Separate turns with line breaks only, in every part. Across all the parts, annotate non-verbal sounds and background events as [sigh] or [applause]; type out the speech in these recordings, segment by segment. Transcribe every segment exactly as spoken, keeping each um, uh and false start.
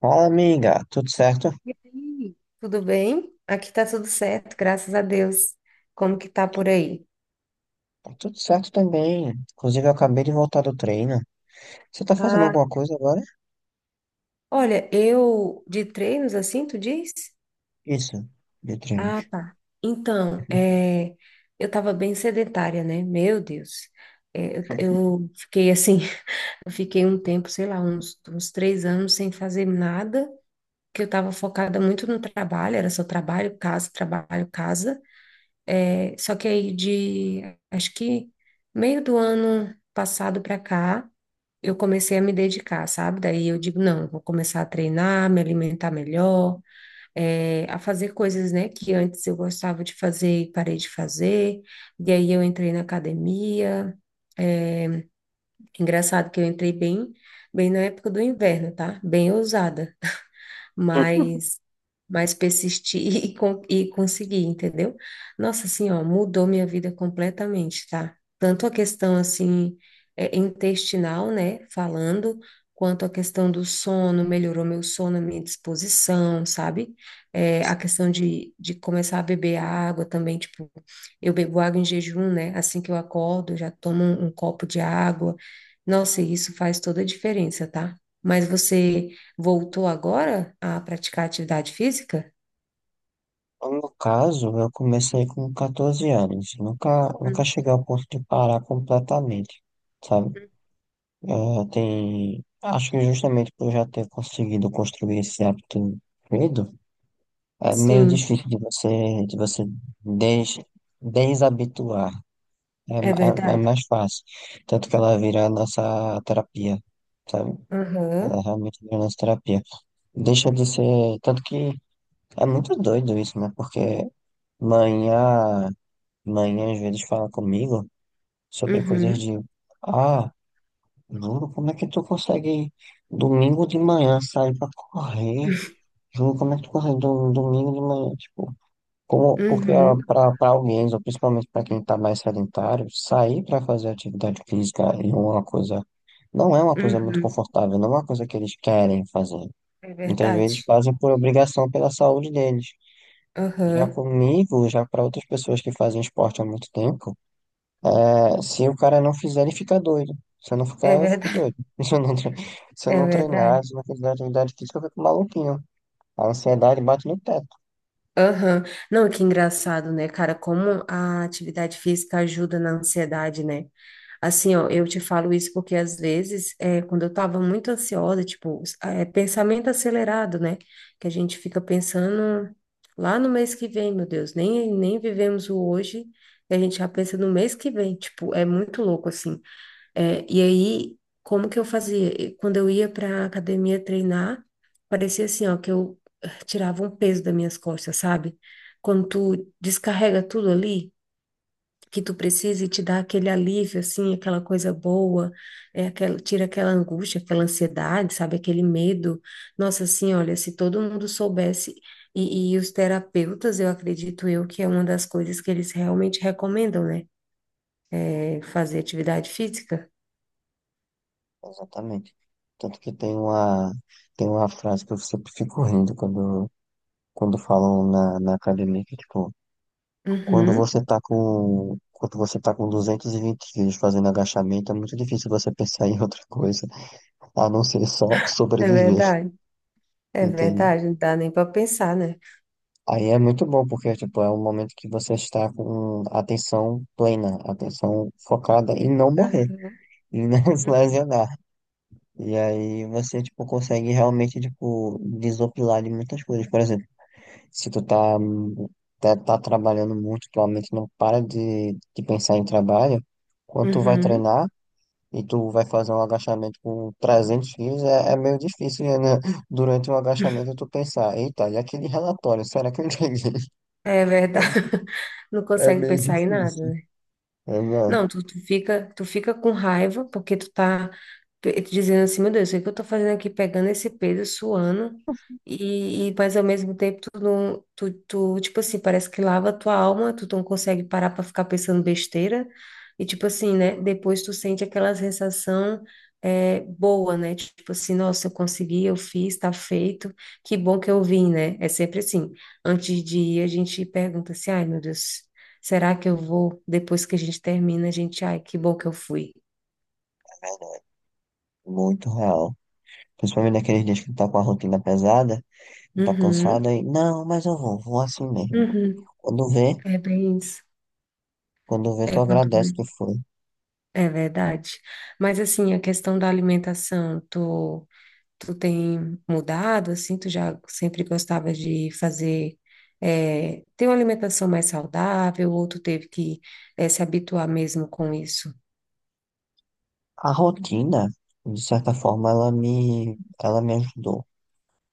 Fala, amiga. Tudo certo?
E aí, tudo bem? Aqui tá tudo certo, graças a Deus. Como que tá por aí?
Tá, tudo certo também. Inclusive, eu acabei de voltar do treino. Você tá fazendo
Ah,
alguma coisa agora?
olha, eu de treinos assim, tu diz?
Isso, de
Ah,
treinos.
tá. Então,
[laughs]
é, eu tava bem sedentária, né? Meu Deus. É, eu, eu fiquei assim, [laughs] eu fiquei um tempo, sei lá, uns, uns três anos sem fazer nada, que eu tava focada muito no trabalho, era só trabalho, casa, trabalho, casa. É, só que aí de, acho que meio do ano passado para cá, eu comecei a me dedicar, sabe? Daí eu digo, não, eu vou começar a treinar, me alimentar melhor, eh, a fazer coisas, né, que antes eu gostava de fazer e parei de fazer. E aí eu entrei na academia. Engraçado que eu entrei bem, bem na época do inverno, tá? Bem ousada mas mas persistir [laughs] e, con- e conseguir, entendeu? Nossa, assim, ó, mudou minha vida completamente, tá? Tanto a questão, assim, é, intestinal, né, falando, quanto a questão do sono, melhorou meu sono, minha disposição, sabe? É, a questão de, de começar a beber água também, tipo, eu bebo água em jejum, né? Assim que eu acordo, eu já tomo um, um copo de água. Nossa, e isso faz toda a diferença, tá? Mas você voltou agora a praticar atividade física?
No caso, eu comecei com quatorze anos. Nunca, nunca
Hum.
cheguei ao ponto de parar completamente, sabe? Eh, tem, acho que justamente por já ter conseguido construir esse hábito cedo, é meio
Sim,
difícil de você, de você des, desabituar. É,
é
ma- é, é
verdade.
mais fácil. Tanto que ela vira a nossa terapia, sabe?
Aham,
Ela realmente vira a nossa terapia. Deixa de ser. Tanto que é muito doido isso, né? Porque manhã, manhã às vezes fala comigo sobre coisas
uhum,
de. Ah, Júlio, como é que tu consegue domingo de manhã sair pra correr? Júlio, como é que tu consegue do- domingo de manhã? Tipo. Como, porque
uhum,
para alguém, ou principalmente para quem está mais sedentário, sair para fazer atividade física é uma coisa, não é uma coisa muito
uhum.
confortável, não é uma coisa que eles querem fazer.
É
Muitas vezes
verdade.
fazem por obrigação pela saúde deles. Já
Aham.
comigo, já para outras pessoas que fazem esporte há muito tempo, é, se o cara não fizer, ele fica doido. Se eu não
É
ficar, eu fico
verdade,
doido. [laughs] Se eu não, tre-
[laughs]
Se eu
é
não treinar,
verdade.
se eu não fizer atividade física, eu fico maluquinho. A ansiedade bate no teto.
Aham. Não, que engraçado, né, cara? Como a atividade física ajuda na ansiedade, né? Assim, ó, eu te falo isso porque às vezes, é, quando eu tava muito ansiosa, tipo, é pensamento acelerado, né? Que a gente fica pensando lá no mês que vem, meu Deus, nem, nem vivemos o hoje, e a gente já pensa no mês que vem, tipo, é muito louco, assim. É, e aí, como que eu fazia? E quando eu ia pra academia treinar, parecia assim, ó, que eu eh, tirava um peso das minhas costas, sabe? Quando tu descarrega tudo ali que tu precisa e te dá aquele alívio, assim, aquela coisa boa, é aquela, tira aquela angústia, aquela ansiedade, sabe, aquele medo. Nossa, assim, olha, se todo mundo soubesse, e, e os terapeutas, eu acredito eu que é uma das coisas que eles realmente recomendam, né? É fazer atividade física.
Exatamente. Tanto que tem uma, tem uma frase que eu sempre fico rindo quando, quando falam na, na academia, que tipo, quando
Uhum,
você tá com, quando você tá com duzentos e vinte quilos fazendo agachamento, é muito difícil você pensar [laughs] em outra coisa, a não ser só
é
sobreviver,
verdade, é
entende?
verdade, não dá nem para pensar, né?
Aí é muito bom, porque tipo, é um momento que você está com atenção plena, atenção focada em não morrer,
Aham.
em não [laughs] se
Uhum.
lesionar. E aí você, tipo, consegue realmente, tipo, desopilar de muitas coisas. Por exemplo, se tu tá, hum, tá, tá trabalhando muito, tua mente não para de, de pensar em trabalho, quando tu vai
Uhum,
treinar e tu vai fazer um agachamento com trezentos quilos, é, é meio difícil, né? [laughs] Durante o agachamento tu pensar, eita, e aquele relatório, será que eu entendi?
é
[laughs] É,
verdade, [laughs] não
é
consegue
meio
pensar em nada,
difícil.
né?
É,
Não,
não,
tu, tu fica, tu fica com raiva porque tu tá pe- dizendo assim, meu Deus, o que que eu tô fazendo aqui pegando esse peso, suando, e, e mas ao mesmo tempo tu não, tu, tu, tipo assim, parece que lava a tua alma, tu não consegue parar pra ficar pensando besteira, e tipo assim, né, depois tu sente aquela sensação é, boa, né, tipo assim, nossa, eu consegui, eu fiz, tá feito, que bom que eu vim, né, é sempre assim, antes de ir a gente pergunta assim, ai meu Deus, será que eu vou? Depois que a gente termina, a gente, ai, que bom que eu fui.
muito real. Principalmente naqueles dias que tu tá com a rotina pesada, tu tá cansado
Uhum,
aí, não, mas eu vou, vou assim mesmo.
uhum.
Quando vê,
É bem isso.
Quando vê,
É,
tu
quando-
agradece que foi.
é verdade. Mas assim, a questão da alimentação, tu, tu tem mudado, assim, tu já sempre gostava de fazer, é, ter uma alimentação mais saudável, ou tu teve que, é, se habituar mesmo com isso?
A rotina, de certa forma, ela me, ela me ajudou.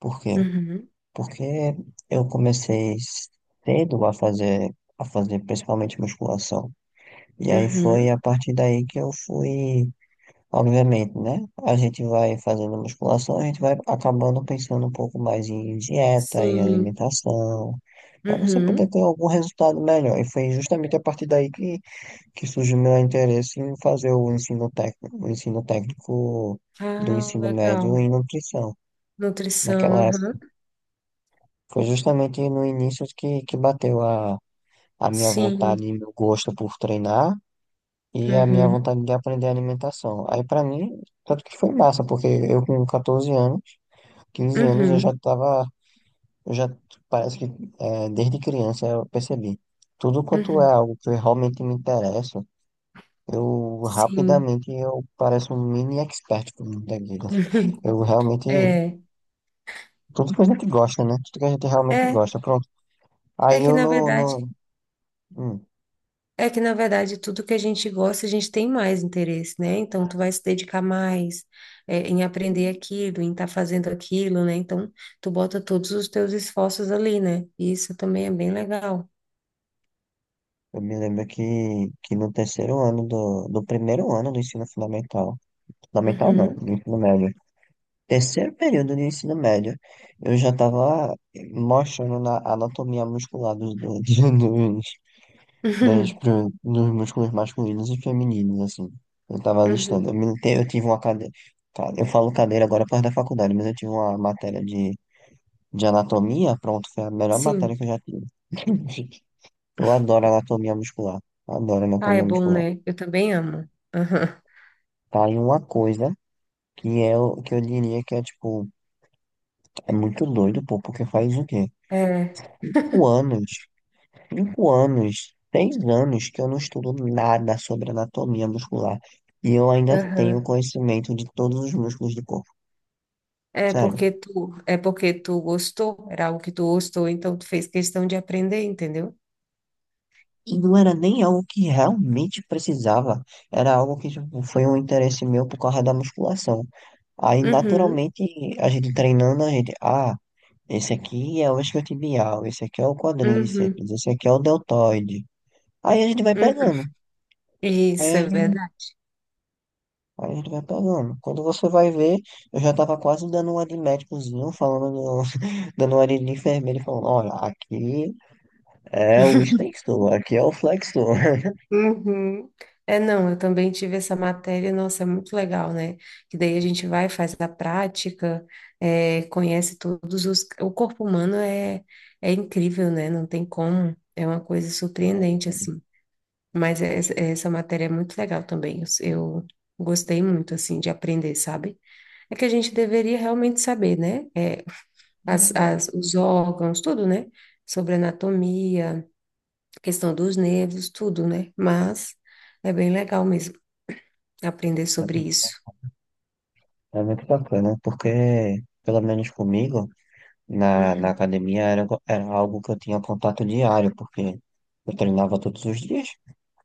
Por quê?
Uhum,
Porque eu comecei cedo a fazer, a fazer principalmente musculação. E aí foi
uhum.
a partir daí que eu fui, obviamente, né? A gente vai fazendo musculação, a gente vai acabando pensando um pouco mais em dieta, em
Sim.
alimentação, para você poder
Uhum.
ter algum resultado melhor. E foi justamente a partir daí que que surgiu meu interesse em fazer o ensino técnico, o ensino técnico do
Ah,
ensino médio
legal.
em nutrição.
Nutrição,
Naquela
aham.
época, foi justamente no início que, que bateu a, a minha
Sim.
vontade e meu gosto por treinar e a minha
Uhum,
vontade de aprender alimentação. Aí, para mim, tanto que foi massa, porque eu com quatorze anos, quinze anos, eu
uhum,
já estava, eu já, parece que é, desde criança eu percebi. Tudo quanto é
uhum.
algo que realmente me interessa, Eu
Sim.
rapidamente eu pareço um mini expert com muita guida.
[laughs] Uhum.
Eu realmente.
É,
Tudo que a gente gosta, né? Tudo que a gente realmente
é,
gosta. Pronto.
é
Aí
que
eu
na
no.
verdade,
no hum,
é que na verdade tudo que a gente gosta, a gente tem mais interesse, né? Então tu vai se dedicar mais é, em aprender aquilo, em estar fazendo aquilo, né? Então tu bota todos os teus esforços ali, né? E isso também é bem legal.
eu me lembro que, que no terceiro ano do, do primeiro ano do ensino fundamental. Fundamental não,
Uhum,
do ensino médio. Terceiro período do ensino médio, eu já estava mostrando na anatomia muscular dos, dos, [laughs]
[laughs]
das,
uhum,
pro- dos músculos masculinos e femininos, assim. Eu tava listando.
uhum.
Eu, me, te- eu tive uma cadeira. Eu falo cadeira agora por causa da faculdade, mas eu tive uma matéria de, de anatomia. Pronto, foi a melhor matéria
Sim.
que eu já tive. [laughs] Eu adoro anatomia muscular. Adoro
Ah,
anatomia
é bom,
muscular.
né? Eu também amo. Aham.
Tá aí uma coisa que é o que eu diria que é tipo, é muito doido, pô, porque faz o quê?
É,
Cinco anos. Cinco anos, seis anos que eu não estudo nada sobre anatomia muscular. E eu ainda tenho
aham.
conhecimento de todos os músculos do corpo.
É
Sério.
porque tu, é porque tu gostou, era algo que tu gostou, então tu fez questão de aprender, entendeu?
E não era nem algo que realmente precisava. Era algo que tipo, foi um interesse meu por causa da musculação. Aí,
Uhum,
naturalmente, a gente treinando, a gente. Ah, esse aqui é o isquiotibial, esse aqui é o
uhum,
quadríceps, esse aqui é o deltoide. Aí a gente vai
uhum.
pegando. Aí
Isso é
a gente
verdade.
Aí a gente vai pegando. Quando você vai ver, eu já tava quase dando uma de médicozinho, falando, [laughs] dando uma de enfermeiro, e falando, olha, aqui é o extensor, aqui é o flexor. [laughs]
Uhum. É, não, eu também tive essa matéria, nossa, é muito legal, né? Que daí a gente vai, faz a prática, é, conhece todos os. O corpo humano é, é incrível, né? Não tem como, é uma coisa
É
surpreendente,
verdade.
assim. Mas é- é- essa matéria é muito legal também, eu, eu gostei muito, assim, de aprender, sabe? É que a gente deveria realmente saber, né? É,
É
as,
verdade.
as, os órgãos, tudo, né? Sobre anatomia, questão dos nervos, tudo, né? Mas é bem legal mesmo aprender
É
sobre
mu-
isso.
é muito bacana, porque, pelo menos comigo, na, na
Uhum,
academia era, go- era algo que eu tinha contato diário, porque eu treinava todos os dias.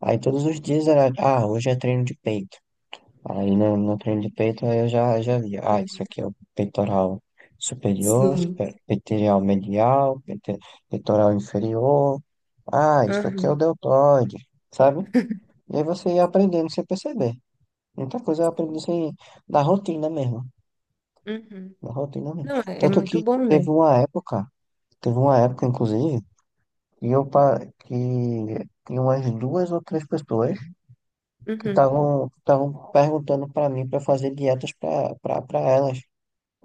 Aí todos os dias era, ah, hoje é treino de peito. Aí no, no treino de peito aí eu já, já via, ah, isso
uhum.
aqui é o peitoral superior,
Sim.
super- peitoral medial, peito- peitoral inferior, ah, isso aqui é o
Uhum.
deltoide, sabe? E aí você ia aprendendo sem perceber. Muita coisa eu aprendi
Sim.
sem, da rotina mesmo,
Uhum.
da rotina mesmo.
Não, é, é
Tanto
muito
que
bom,
teve
né?
uma época, teve uma época, inclusive, que eu, pa- que tinha umas duas ou três pessoas que
Uhum.
estavam estavam perguntando para mim para fazer dietas para para elas.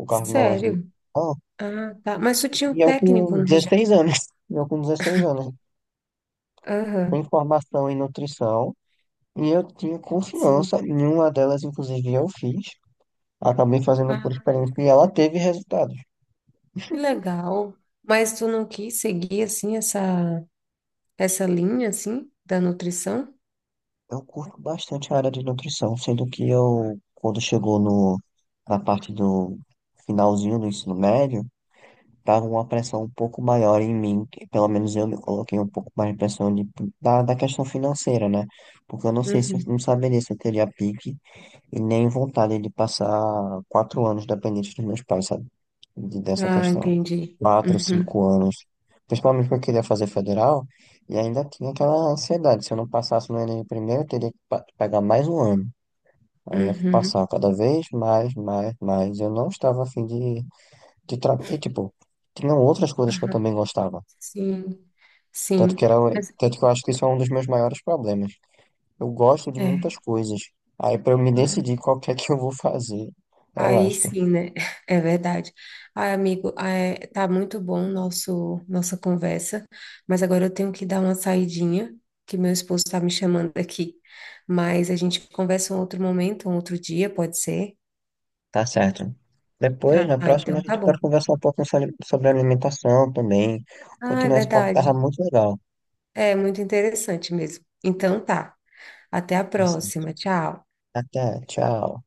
O Carlos Brasileiro.
Sério?
Ah,
Ah, tá. Mas tu tinha
e
um
eu
técnico,
com
né, já?
dezesseis anos. [laughs] Eu com dezesseis anos.
Aham,
Tenho formação em nutrição. E eu tinha
sim.
confiança. Nenhuma delas, inclusive, eu fiz. Acabei fazendo por
Ah,
experiência e ela teve resultados.
que legal. Mas tu não quis seguir, assim, essa, essa linha, assim, da nutrição?
Eu curto bastante a área de nutrição, sendo que eu, quando chegou no, na parte do finalzinho do ensino médio, tava uma pressão um pouco maior em mim, que pelo menos eu me coloquei um pouco mais de pressão de, da, da questão financeira, né? Porque eu não sei se eu
Uhum.
não saberia se eu teria pique e nem vontade de passar quatro anos dependente dos meus pais, sabe? De- Dessa
Ah,
questão.
entendi.
Quatro,
Uhum.
cinco anos. Principalmente porque eu queria fazer federal e ainda tinha aquela ansiedade. Se eu não passasse no Enem primeiro, eu teria que pa- pegar mais um ano. Aí eu ia
Uhum.
passar cada vez mais, mais, mais. Eu não estava afim de, de tra... e, tipo, tinham outras coisas que eu
Aham.
também gostava.
Sim,
Tanto
sim.
que era,
Mas,
tanto que eu acho que isso é um dos meus maiores problemas. Eu gosto de
é.
muitas coisas. Aí, para eu me
Uhum.
decidir qual que é que eu vou fazer,
Aí
relaxa.
sim, né? [laughs] É verdade. Ai, amigo, é, tá muito bom nosso nossa conversa, mas agora eu tenho que dar uma saidinha, que meu esposo tá me chamando aqui. Mas a gente conversa um outro momento, um outro dia, pode ser?
Tá certo. Depois, na
Ah,
próxima,
então
a
tá
gente
bom.
pode conversar um pouco sobre sobre alimentação também.
Ah, é
Continuar esse papo, tava
verdade.
muito legal.
É muito interessante mesmo. Então tá. Até a
Tá certo.
próxima. Tchau.
Até, tchau.